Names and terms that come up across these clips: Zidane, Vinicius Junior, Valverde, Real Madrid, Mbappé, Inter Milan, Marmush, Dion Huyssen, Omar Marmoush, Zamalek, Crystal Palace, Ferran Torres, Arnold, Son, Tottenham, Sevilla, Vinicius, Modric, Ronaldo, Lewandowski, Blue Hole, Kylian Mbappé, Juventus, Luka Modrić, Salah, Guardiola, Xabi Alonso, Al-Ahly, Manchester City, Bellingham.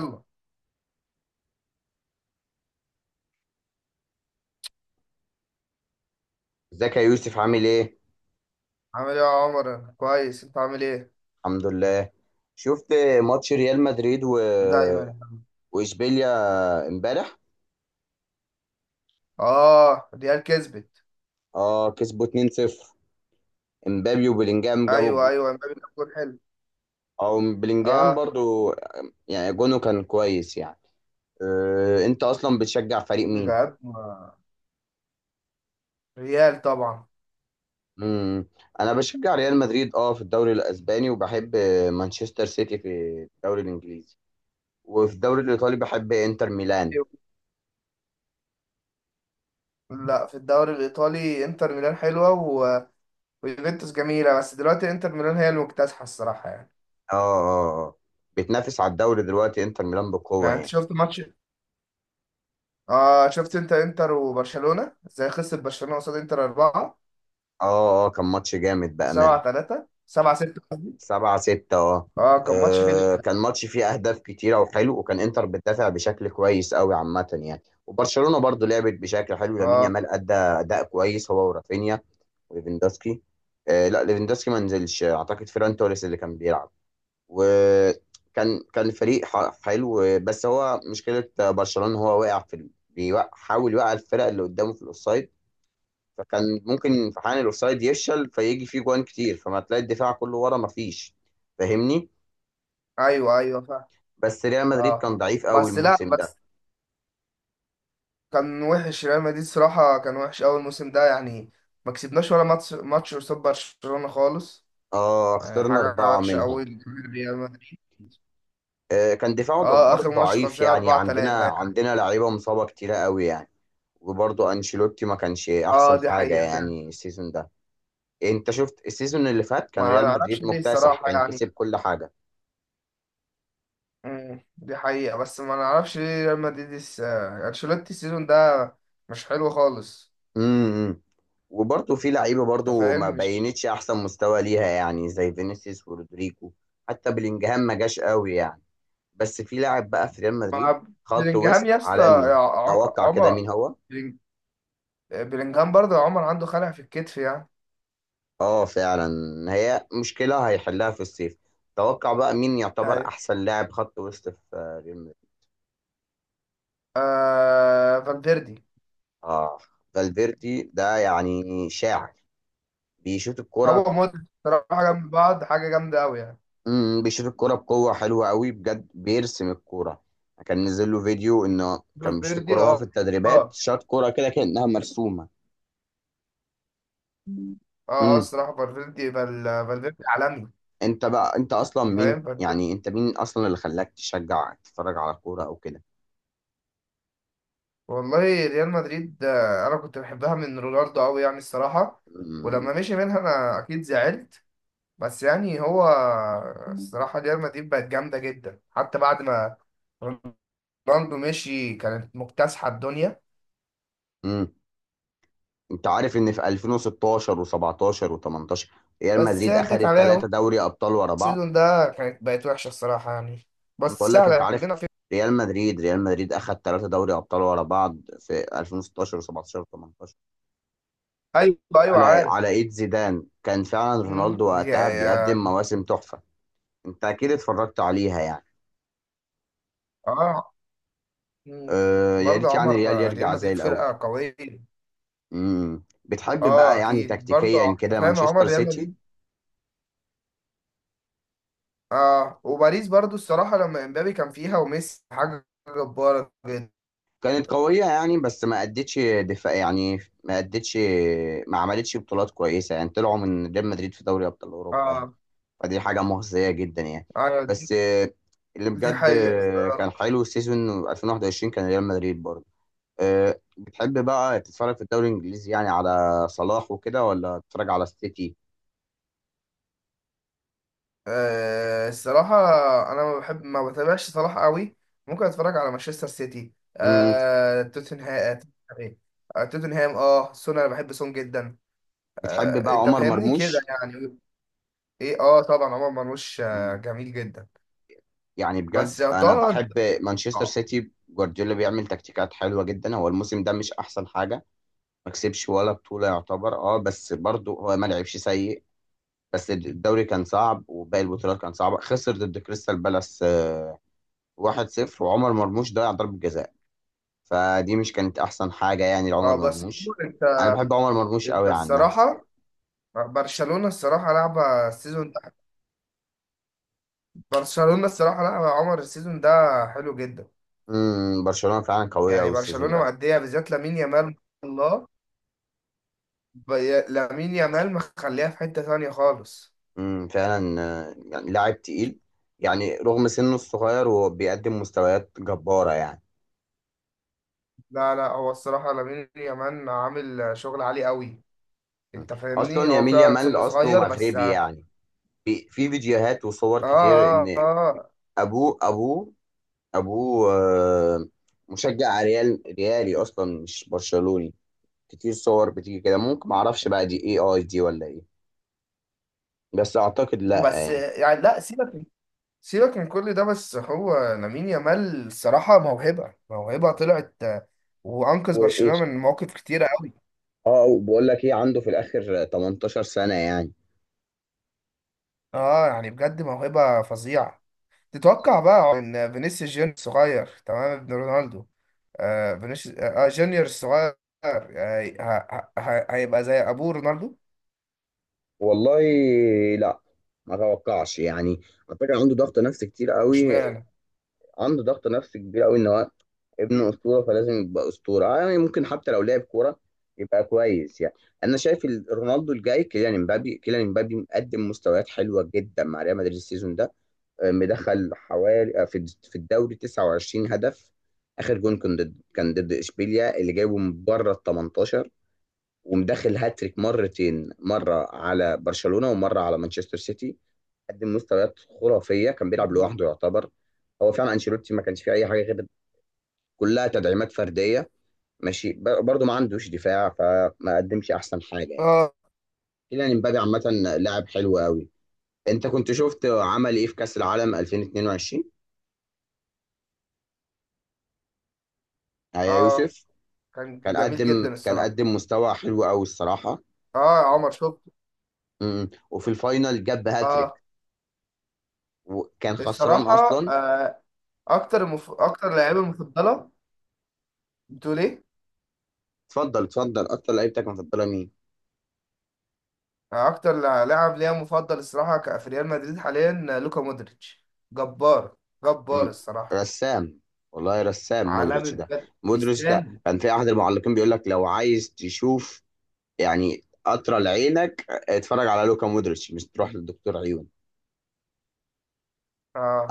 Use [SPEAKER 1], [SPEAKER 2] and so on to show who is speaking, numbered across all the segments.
[SPEAKER 1] يلا.
[SPEAKER 2] ازيك يا يوسف، عامل ايه؟
[SPEAKER 1] عامل ايه يا عمر؟ كويس، انت عامل ايه؟
[SPEAKER 2] الحمد لله. شفت ماتش ريال مدريد
[SPEAKER 1] دايما يا حبيبي.
[SPEAKER 2] واشبيليا امبارح.
[SPEAKER 1] اه، ريال كسبت.
[SPEAKER 2] اه، كسبوا 2-0. امبابي وبلينجهام جابوا
[SPEAKER 1] ايوه،
[SPEAKER 2] الجول.
[SPEAKER 1] ايوه، امبابي كان جول حلو.
[SPEAKER 2] او بلينجهام
[SPEAKER 1] اه،
[SPEAKER 2] برضو، يعني جونه كان كويس يعني. انت اصلا بتشجع فريق مين؟
[SPEAKER 1] بجد ريال طبعا.
[SPEAKER 2] مم. انا بشجع ريال مدريد في الدوري الاسباني، وبحب مانشستر سيتي في الدوري الانجليزي. وفي الدوري الايطالي بحب انتر ميلان.
[SPEAKER 1] أيوة. لا، في الدوري الايطالي انتر ميلان حلوه ويوفنتوس جميله، بس دلوقتي انتر ميلان هي المكتسحه الصراحه يعني.
[SPEAKER 2] اه، اه، اه، بتنافس على الدوري دلوقتي انتر ميلان بقوة
[SPEAKER 1] يعني انت
[SPEAKER 2] يعني.
[SPEAKER 1] شفت ماتش؟ اه، شفت انت انتر وبرشلونه ازاي خسر برشلونه قصاد انتر 4
[SPEAKER 2] اه، اه، كان ماتش جامد بأمان.
[SPEAKER 1] 7 3 7 6.
[SPEAKER 2] سبعة ستة، اه.
[SPEAKER 1] اه، كان ماتش فيه
[SPEAKER 2] كان
[SPEAKER 1] لحمة.
[SPEAKER 2] ماتش فيه أهداف كتيرة وحلو، وكان إنتر بتدافع بشكل كويس أوي عامة يعني، وبرشلونة برضو لعبت بشكل حلو. لامين
[SPEAKER 1] اه،
[SPEAKER 2] يامال أدى أداء كويس، هو ورافينيا وليفاندوسكي. لا، ليفاندوسكي ما نزلش أعتقد. فيران توريس اللي كان بيلعب. وكان فريق حلو. بس هو مشكلة برشلونة، هو واقع في حاول يوقع الفرق اللي قدامه في الأوفسايد. فكان ممكن في حال الاوفسايد يفشل فيجي فيه جوان كتير، فما تلاقي الدفاع كله ورا، ما فيش. فاهمني؟
[SPEAKER 1] ايوه، ايوه، فاهم.
[SPEAKER 2] بس ريال مدريد
[SPEAKER 1] اه،
[SPEAKER 2] كان ضعيف قوي
[SPEAKER 1] بس لا
[SPEAKER 2] الموسم ده.
[SPEAKER 1] بس كان وحش ريال مدريد، صراحة كان وحش أول موسم ده يعني. ما كسبناش ولا ماتش قصاد برشلونة خالص.
[SPEAKER 2] اه،
[SPEAKER 1] يعني
[SPEAKER 2] خسرنا
[SPEAKER 1] حاجة
[SPEAKER 2] أربعة
[SPEAKER 1] وحشة أوي،
[SPEAKER 2] منهم.
[SPEAKER 1] ريال مدريد.
[SPEAKER 2] كان دفاعه
[SPEAKER 1] اه،
[SPEAKER 2] برضه
[SPEAKER 1] آخر ماتش
[SPEAKER 2] ضعيف
[SPEAKER 1] خسرنا
[SPEAKER 2] يعني.
[SPEAKER 1] 4
[SPEAKER 2] عندنا
[SPEAKER 1] 3 يعني.
[SPEAKER 2] عندنا لعيبة مصابة كتيرة قوي يعني. وبرضه أنشيلوتي ما كانش
[SPEAKER 1] اه،
[SPEAKER 2] أحسن
[SPEAKER 1] دي
[SPEAKER 2] حاجة
[SPEAKER 1] حقيقة فعلا.
[SPEAKER 2] يعني السيزون ده. إيه، أنت شفت؟ السيزون اللي فات كان
[SPEAKER 1] ما
[SPEAKER 2] ريال
[SPEAKER 1] نعرفش
[SPEAKER 2] مدريد
[SPEAKER 1] ليه
[SPEAKER 2] مكتسح،
[SPEAKER 1] الصراحة
[SPEAKER 2] كان
[SPEAKER 1] يعني.
[SPEAKER 2] كسب كل حاجة.
[SPEAKER 1] مم. دي حقيقة بس ما نعرفش ليه ريال مدريد أنشيلوتي السيزون ده مش حلو خالص.
[SPEAKER 2] امم. امم. وبرضه في لعيبه
[SPEAKER 1] أنت
[SPEAKER 2] برضه ما
[SPEAKER 1] فاهم مش؟
[SPEAKER 2] بينتش احسن مستوى ليها، يعني زي فينيسيوس ورودريجو. حتى بلينجهام ما جاش قوي يعني. بس في لاعب بقى في ريال مدريد
[SPEAKER 1] مع
[SPEAKER 2] خط
[SPEAKER 1] بلينجهام
[SPEAKER 2] وسط
[SPEAKER 1] يا اسطى يا
[SPEAKER 2] عالمي.
[SPEAKER 1] ع-
[SPEAKER 2] توقع كده
[SPEAKER 1] عمر
[SPEAKER 2] مين هو.
[SPEAKER 1] بلينج- بلينجهام برضه يا عمر عنده خلع في الكتف يعني.
[SPEAKER 2] اه، فعلا. هي مشكله هيحلها في الصيف. توقع بقى مين يعتبر
[SPEAKER 1] أيوه.
[SPEAKER 2] احسن لاعب خط وسط في ريال مدريد.
[SPEAKER 1] فالفيردي.
[SPEAKER 2] اه، فالفيردي ده يعني شاعر، بيشوط الكرة.
[SPEAKER 1] هو مودريتش صراحة جنب بعض حاجة جامدة أوي يعني.
[SPEAKER 2] بيشوط الكوره بقوه، حلوه قوي بجد، بيرسم الكوره. كان نزل له فيديو انه كان بيشوط
[SPEAKER 1] فالفيردي،
[SPEAKER 2] الكوره وهو في
[SPEAKER 1] اه،
[SPEAKER 2] التدريبات،
[SPEAKER 1] اه،
[SPEAKER 2] شاط كوره كده كانها مرسومه.
[SPEAKER 1] اه، اه،
[SPEAKER 2] امم.
[SPEAKER 1] الصراحة فالفيردي فالفيردي عالمي.
[SPEAKER 2] انت بقى انت اصلا مين
[SPEAKER 1] فاهم، فالفيردي.
[SPEAKER 2] يعني، انت مين اصلا اللي خلاك تشجع تتفرج على كوره او كده.
[SPEAKER 1] والله، ريال مدريد، انا كنت بحبها من رونالدو قوي يعني الصراحة.
[SPEAKER 2] امم.
[SPEAKER 1] ولما مشي منها انا اكيد زعلت. بس يعني هو، الصراحة ريال مدريد بقت جامدة جدا حتى بعد ما رونالدو مشي كانت مكتسحة الدنيا.
[SPEAKER 2] امم. انت عارف ان في 2016 و17 و18 ريال
[SPEAKER 1] بس
[SPEAKER 2] مدريد
[SPEAKER 1] هي جت
[SPEAKER 2] اخذت ثلاثه
[SPEAKER 1] عليها
[SPEAKER 2] دوري ابطال ورا بعض.
[SPEAKER 1] السيزون ده، كانت بقت وحشة الصراحة يعني. بس
[SPEAKER 2] بقول لك، انت
[SPEAKER 1] سهلة
[SPEAKER 2] عارف،
[SPEAKER 1] كلنا في.
[SPEAKER 2] ريال مدريد، اخذ ثلاثه دوري ابطال ورا بعض في 2016 و17 و18،
[SPEAKER 1] ايوه، ايوه،
[SPEAKER 2] على
[SPEAKER 1] عارف.
[SPEAKER 2] ايد زيدان. كان فعلا رونالدو
[SPEAKER 1] يا
[SPEAKER 2] وقتها بيقدم
[SPEAKER 1] يا
[SPEAKER 2] مواسم تحفة. انت اكيد اتفرجت عليها يعني.
[SPEAKER 1] اه. امم
[SPEAKER 2] أه، يا
[SPEAKER 1] برضه
[SPEAKER 2] ريت يعني
[SPEAKER 1] عمر،
[SPEAKER 2] ريال
[SPEAKER 1] ريال
[SPEAKER 2] يرجع زي
[SPEAKER 1] مدريد
[SPEAKER 2] الاول.
[SPEAKER 1] فرقة قوية.
[SPEAKER 2] امم، بتحب
[SPEAKER 1] اه،
[SPEAKER 2] بقى يعني
[SPEAKER 1] اكيد برضه
[SPEAKER 2] تكتيكيا
[SPEAKER 1] أنت
[SPEAKER 2] كده
[SPEAKER 1] فاهم عمر
[SPEAKER 2] مانشستر
[SPEAKER 1] ريال
[SPEAKER 2] سيتي؟
[SPEAKER 1] مدريد. اه، وباريس برضه الصراحة لما امبابي كان فيها وميسي حاجة جبارة جدا.
[SPEAKER 2] كانت قوية يعني، بس ما ادتش دفاع يعني. ما ادتش ما عملتش بطولات كويسة يعني. طلعوا من ريال مدريد في دوري ابطال اوروبا يعني.
[SPEAKER 1] اه.
[SPEAKER 2] فدي حاجة مخزية جدا يعني.
[SPEAKER 1] ايوه دي،
[SPEAKER 2] بس اللي
[SPEAKER 1] دي
[SPEAKER 2] بجد
[SPEAKER 1] حقيقة
[SPEAKER 2] كان
[SPEAKER 1] الصراحة.
[SPEAKER 2] حلو السيزون 2021، كان ريال مدريد برضه. أه، بتحب بقى تتفرج في الدوري الانجليزي يعني على صلاح وكده، ولا تتفرج على السيتي؟
[SPEAKER 1] أه الصراحة، أنا ما بحب، ما بتابعش صلاح قوي. ممكن أتفرج على مانشستر سيتي،
[SPEAKER 2] مم.
[SPEAKER 1] توتنهام. إيه؟ توتنهام، سون، أنا بحب سون جدا.
[SPEAKER 2] بتحب بقى
[SPEAKER 1] أنت
[SPEAKER 2] عمر
[SPEAKER 1] فاهمني كده
[SPEAKER 2] مرموش؟
[SPEAKER 1] يعني. إيه، طبعا عمر مرموش
[SPEAKER 2] مم.
[SPEAKER 1] جميل جدا.
[SPEAKER 2] يعني
[SPEAKER 1] بس
[SPEAKER 2] بجد
[SPEAKER 1] يا
[SPEAKER 2] انا
[SPEAKER 1] طه أنت.
[SPEAKER 2] بحب مانشستر
[SPEAKER 1] أه.
[SPEAKER 2] سيتي، جوارديولا بيعمل تكتيكات حلوه جدا. هو الموسم ده مش احسن حاجه، ما كسبش ولا بطوله يعتبر، بس برضه هو ما لعبش سيء. بس الدوري كان صعب وباقي البطولات كان صعبه، خسر ضد كريستال بالاس 1-0 وعمر مرموش ضيع ضربه جزاء. فدي مش كانت احسن حاجه يعني لعمر
[SPEAKER 1] بس.
[SPEAKER 2] مرموش.
[SPEAKER 1] أنت.
[SPEAKER 2] انا بحب عمر مرموش
[SPEAKER 1] أنت
[SPEAKER 2] قوي عن نفسي يعني.
[SPEAKER 1] الصراحة، برشلونة الصراحة لعبة السيزون ده. برشلونة الصراحة لعبة يا عمر السيزون ده حلو جدا.
[SPEAKER 2] امم، برشلونه فعلا قويه
[SPEAKER 1] يعني
[SPEAKER 2] قوي السيزون
[SPEAKER 1] برشلونة
[SPEAKER 2] ده.
[SPEAKER 1] مأدية، بالذات لامين يامال. الله. لامين يامال مخليها في حتة تانية خالص.
[SPEAKER 2] امم، فعلا. يعني لاعب تقيل، يعني رغم سنه الصغير هو بيقدم مستويات جباره يعني.
[SPEAKER 1] لا، لا، هو الصراحة لامين يامال عامل شغل عالي قوي. انت فاهمني،
[SPEAKER 2] اصلا
[SPEAKER 1] هو
[SPEAKER 2] يمين
[SPEAKER 1] فعلا
[SPEAKER 2] يامال
[SPEAKER 1] سنه
[SPEAKER 2] اصله
[SPEAKER 1] صغير بس
[SPEAKER 2] مغربي
[SPEAKER 1] اه.
[SPEAKER 2] يعني. في فيديوهات وصور
[SPEAKER 1] اه،
[SPEAKER 2] كتير
[SPEAKER 1] اه،
[SPEAKER 2] ان
[SPEAKER 1] آه.
[SPEAKER 2] ابوه ابوه ابوه مشجع ريالي اصلا، مش برشلوني. كتير صور بتيجي كده، ممكن معرفش بقى دي اي اي دي ولا ايه. بس اعتقد لا
[SPEAKER 1] بس
[SPEAKER 2] يعني.
[SPEAKER 1] يعني لا، سيبك. سيبك من كل ده، بس هو لامين يامال الصراحة موهبة، موهبة طلعت، وأنقذ
[SPEAKER 2] وايه،
[SPEAKER 1] برشلونة من مواقف كتيرة قوي.
[SPEAKER 2] اه وبقول لك ايه، عنده في الاخر 18 سنه يعني.
[SPEAKER 1] اه، يعني بجد موهبة فظيعة. تتوقع بقى ان فينيسيوس جونيور الصغير تمام ابن رونالدو؟ فينيسيوس جونيور الصغير هيبقى زي ابوه رونالدو؟
[SPEAKER 2] والله، لا، ما اتوقعش يعني. على فكره عنده ضغط نفسي كتير قوي.
[SPEAKER 1] اشمعنى؟
[SPEAKER 2] عنده ضغط نفسي كبير قوي ان هو ابن
[SPEAKER 1] مم.
[SPEAKER 2] اسطوره، فلازم يبقى اسطوره. يعني ممكن حتى لو لعب كوره يبقى كويس يعني. انا شايف رونالدو الجاي كيليان امبابي مقدم مستويات حلوه جدا مع ريال مدريد السيزون ده. مدخل حوالي في الدوري 29 هدف. اخر جون كان ضد اشبيليا اللي جايبه من بره ال 18. ومدخل هاتريك مرتين، مره على برشلونه ومره على مانشستر سيتي. قدم مستويات خرافيه، كان بيلعب لوحده يعتبر. هو فعلا انشيلوتي ما كانش فيه اي حاجه غير، كلها تدعيمات فرديه. ماشي، برضه ما عندوش دفاع فما قدمش احسن حاجه يعني.
[SPEAKER 1] اه،
[SPEAKER 2] كيليان امبابي عامه لاعب حلو قوي. انت كنت شفت عمل ايه في كاس العالم 2022 يا
[SPEAKER 1] اه،
[SPEAKER 2] يوسف؟
[SPEAKER 1] كان جميل جدا
[SPEAKER 2] كان
[SPEAKER 1] الصراحه.
[SPEAKER 2] قدم مستوى حلو قوي الصراحه.
[SPEAKER 1] اه، عمر شفته.
[SPEAKER 2] امم. وفي الفاينل جاب هاتريك
[SPEAKER 1] اه،
[SPEAKER 2] وكان خسران
[SPEAKER 1] الصراحه،
[SPEAKER 2] اصلا.
[SPEAKER 1] آه، اكتر لعيبه مفضله. بتقول ايه؟
[SPEAKER 2] اتفضل، اتفضل، اكتر لعيبتك مفضله مين؟
[SPEAKER 1] اكتر لاعب ليا مفضل الصراحه في ريال مدريد حاليا، لوكا مودريتش. جبار، جبار
[SPEAKER 2] مم.
[SPEAKER 1] الصراحه.
[SPEAKER 2] رسام. والله رسام
[SPEAKER 1] عالمي
[SPEAKER 2] مودريتش ده.
[SPEAKER 1] بجد،
[SPEAKER 2] مودريتش ده
[SPEAKER 1] يستاهل.
[SPEAKER 2] كان في احد المعلقين بيقول لك لو عايز تشوف يعني قطره لعينك، اتفرج على لوكا مودريتش، مش تروح للدكتور عيون.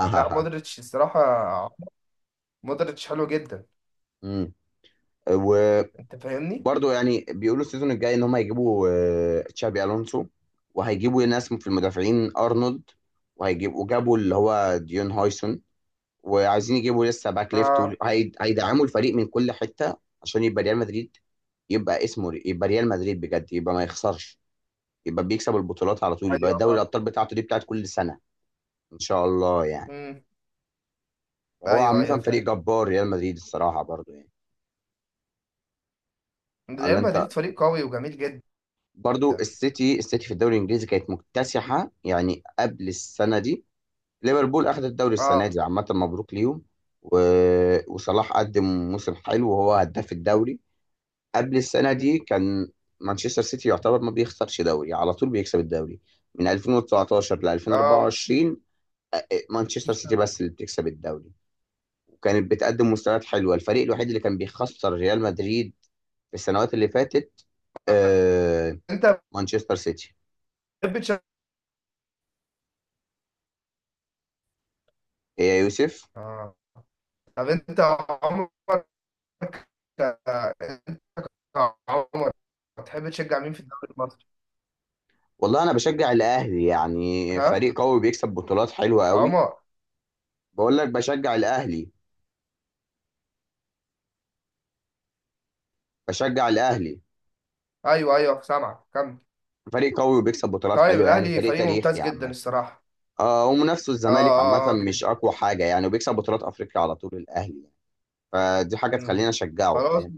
[SPEAKER 1] لا،
[SPEAKER 2] اهاها.
[SPEAKER 1] مودريتش الصراحة. مودريتش حلو جدا.
[SPEAKER 2] مم. وبرضه
[SPEAKER 1] انت فاهمني؟
[SPEAKER 2] يعني بيقولوا السيزون الجاي ان هم هيجيبوا تشابي الونسو، وهيجيبوا ناس في المدافعين، ارنولد، وجابوا اللي هو ديون هويسون، وعايزين يجيبوا لسه باك ليفت،
[SPEAKER 1] اه،
[SPEAKER 2] هيدعموا الفريق من كل حته عشان يبقى ريال مدريد، يبقى اسمه يبقى ريال مدريد بجد، يبقى ما يخسرش، يبقى بيكسب البطولات على طول، يبقى
[SPEAKER 1] ايوه،
[SPEAKER 2] دوري
[SPEAKER 1] اه،
[SPEAKER 2] الابطال بتاعته دي بتاعت كل سنه ان شاء الله يعني.
[SPEAKER 1] امم
[SPEAKER 2] هو
[SPEAKER 1] ايوه، ايوه،
[SPEAKER 2] عامه فريق
[SPEAKER 1] فاهم.
[SPEAKER 2] جبار ريال مدريد الصراحه برضو يعني. الا
[SPEAKER 1] ريال
[SPEAKER 2] انت،
[SPEAKER 1] مدريد فريق قوي وجميل جدا.
[SPEAKER 2] برضو السيتي، في الدوري الانجليزي كانت مكتسحه يعني قبل السنه دي. ليفربول اخذ الدوري السنه
[SPEAKER 1] اه.
[SPEAKER 2] دي، عامه مبروك ليهم. و... وصلاح قدم موسم حلو وهو هداف الدوري. قبل السنة
[SPEAKER 1] مم.
[SPEAKER 2] دي كان مانشستر سيتي يعتبر ما بيخسرش دوري، على طول بيكسب الدوري من 2019 ل
[SPEAKER 1] اه.
[SPEAKER 2] 2024. مانشستر سيتي بس اللي بتكسب الدوري، وكانت بتقدم مستويات حلوة. الفريق الوحيد اللي كان بيخسر ريال مدريد في السنوات اللي فاتت آه،
[SPEAKER 1] انت
[SPEAKER 2] مانشستر سيتي.
[SPEAKER 1] بتحب تشجع
[SPEAKER 2] إيه يا يوسف؟
[SPEAKER 1] اه، طب انت عمرك انت عمرك بتحب تشجع مين في الدوري المصري؟
[SPEAKER 2] والله انا بشجع الاهلي يعني،
[SPEAKER 1] ها؟
[SPEAKER 2] فريق قوي بيكسب بطولات حلوة قوي.
[SPEAKER 1] عمر.
[SPEAKER 2] بقول لك بشجع الاهلي، بشجع الاهلي.
[SPEAKER 1] ايوه، ايوه، سامعك كمل.
[SPEAKER 2] فريق قوي وبيكسب بطولات
[SPEAKER 1] طيب
[SPEAKER 2] حلوة يعني،
[SPEAKER 1] الاهلي
[SPEAKER 2] فريق
[SPEAKER 1] فريق
[SPEAKER 2] تاريخي
[SPEAKER 1] ممتاز جدا
[SPEAKER 2] عامة.
[SPEAKER 1] الصراحة.
[SPEAKER 2] ومنافسه
[SPEAKER 1] اه،
[SPEAKER 2] الزمالك عامة
[SPEAKER 1] اه، اه
[SPEAKER 2] مش
[SPEAKER 1] جدا.
[SPEAKER 2] أقوى حاجة يعني، وبيكسب بطولات أفريقيا على طول الأهلي يعني. فدي حاجة
[SPEAKER 1] مم.
[SPEAKER 2] تخلينا أشجعه،
[SPEAKER 1] خلاص.
[SPEAKER 2] فاهم.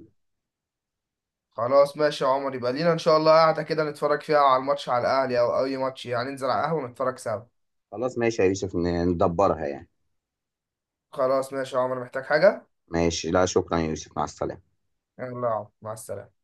[SPEAKER 1] خلاص ماشي يا عمر، يبقى لينا ان شاء الله قاعده كده نتفرج فيها على الماتش، على الاهلي او اي ماتش يعني، ننزل على القهوه ونتفرج سوا.
[SPEAKER 2] خلاص ماشي يا يوسف، ندبرها يعني.
[SPEAKER 1] خلاص ماشي يا عمر، محتاج حاجه؟
[SPEAKER 2] ماشي، لا شكرا يا يوسف، مع السلامة.
[SPEAKER 1] يلا يا عمر، مع السلامه.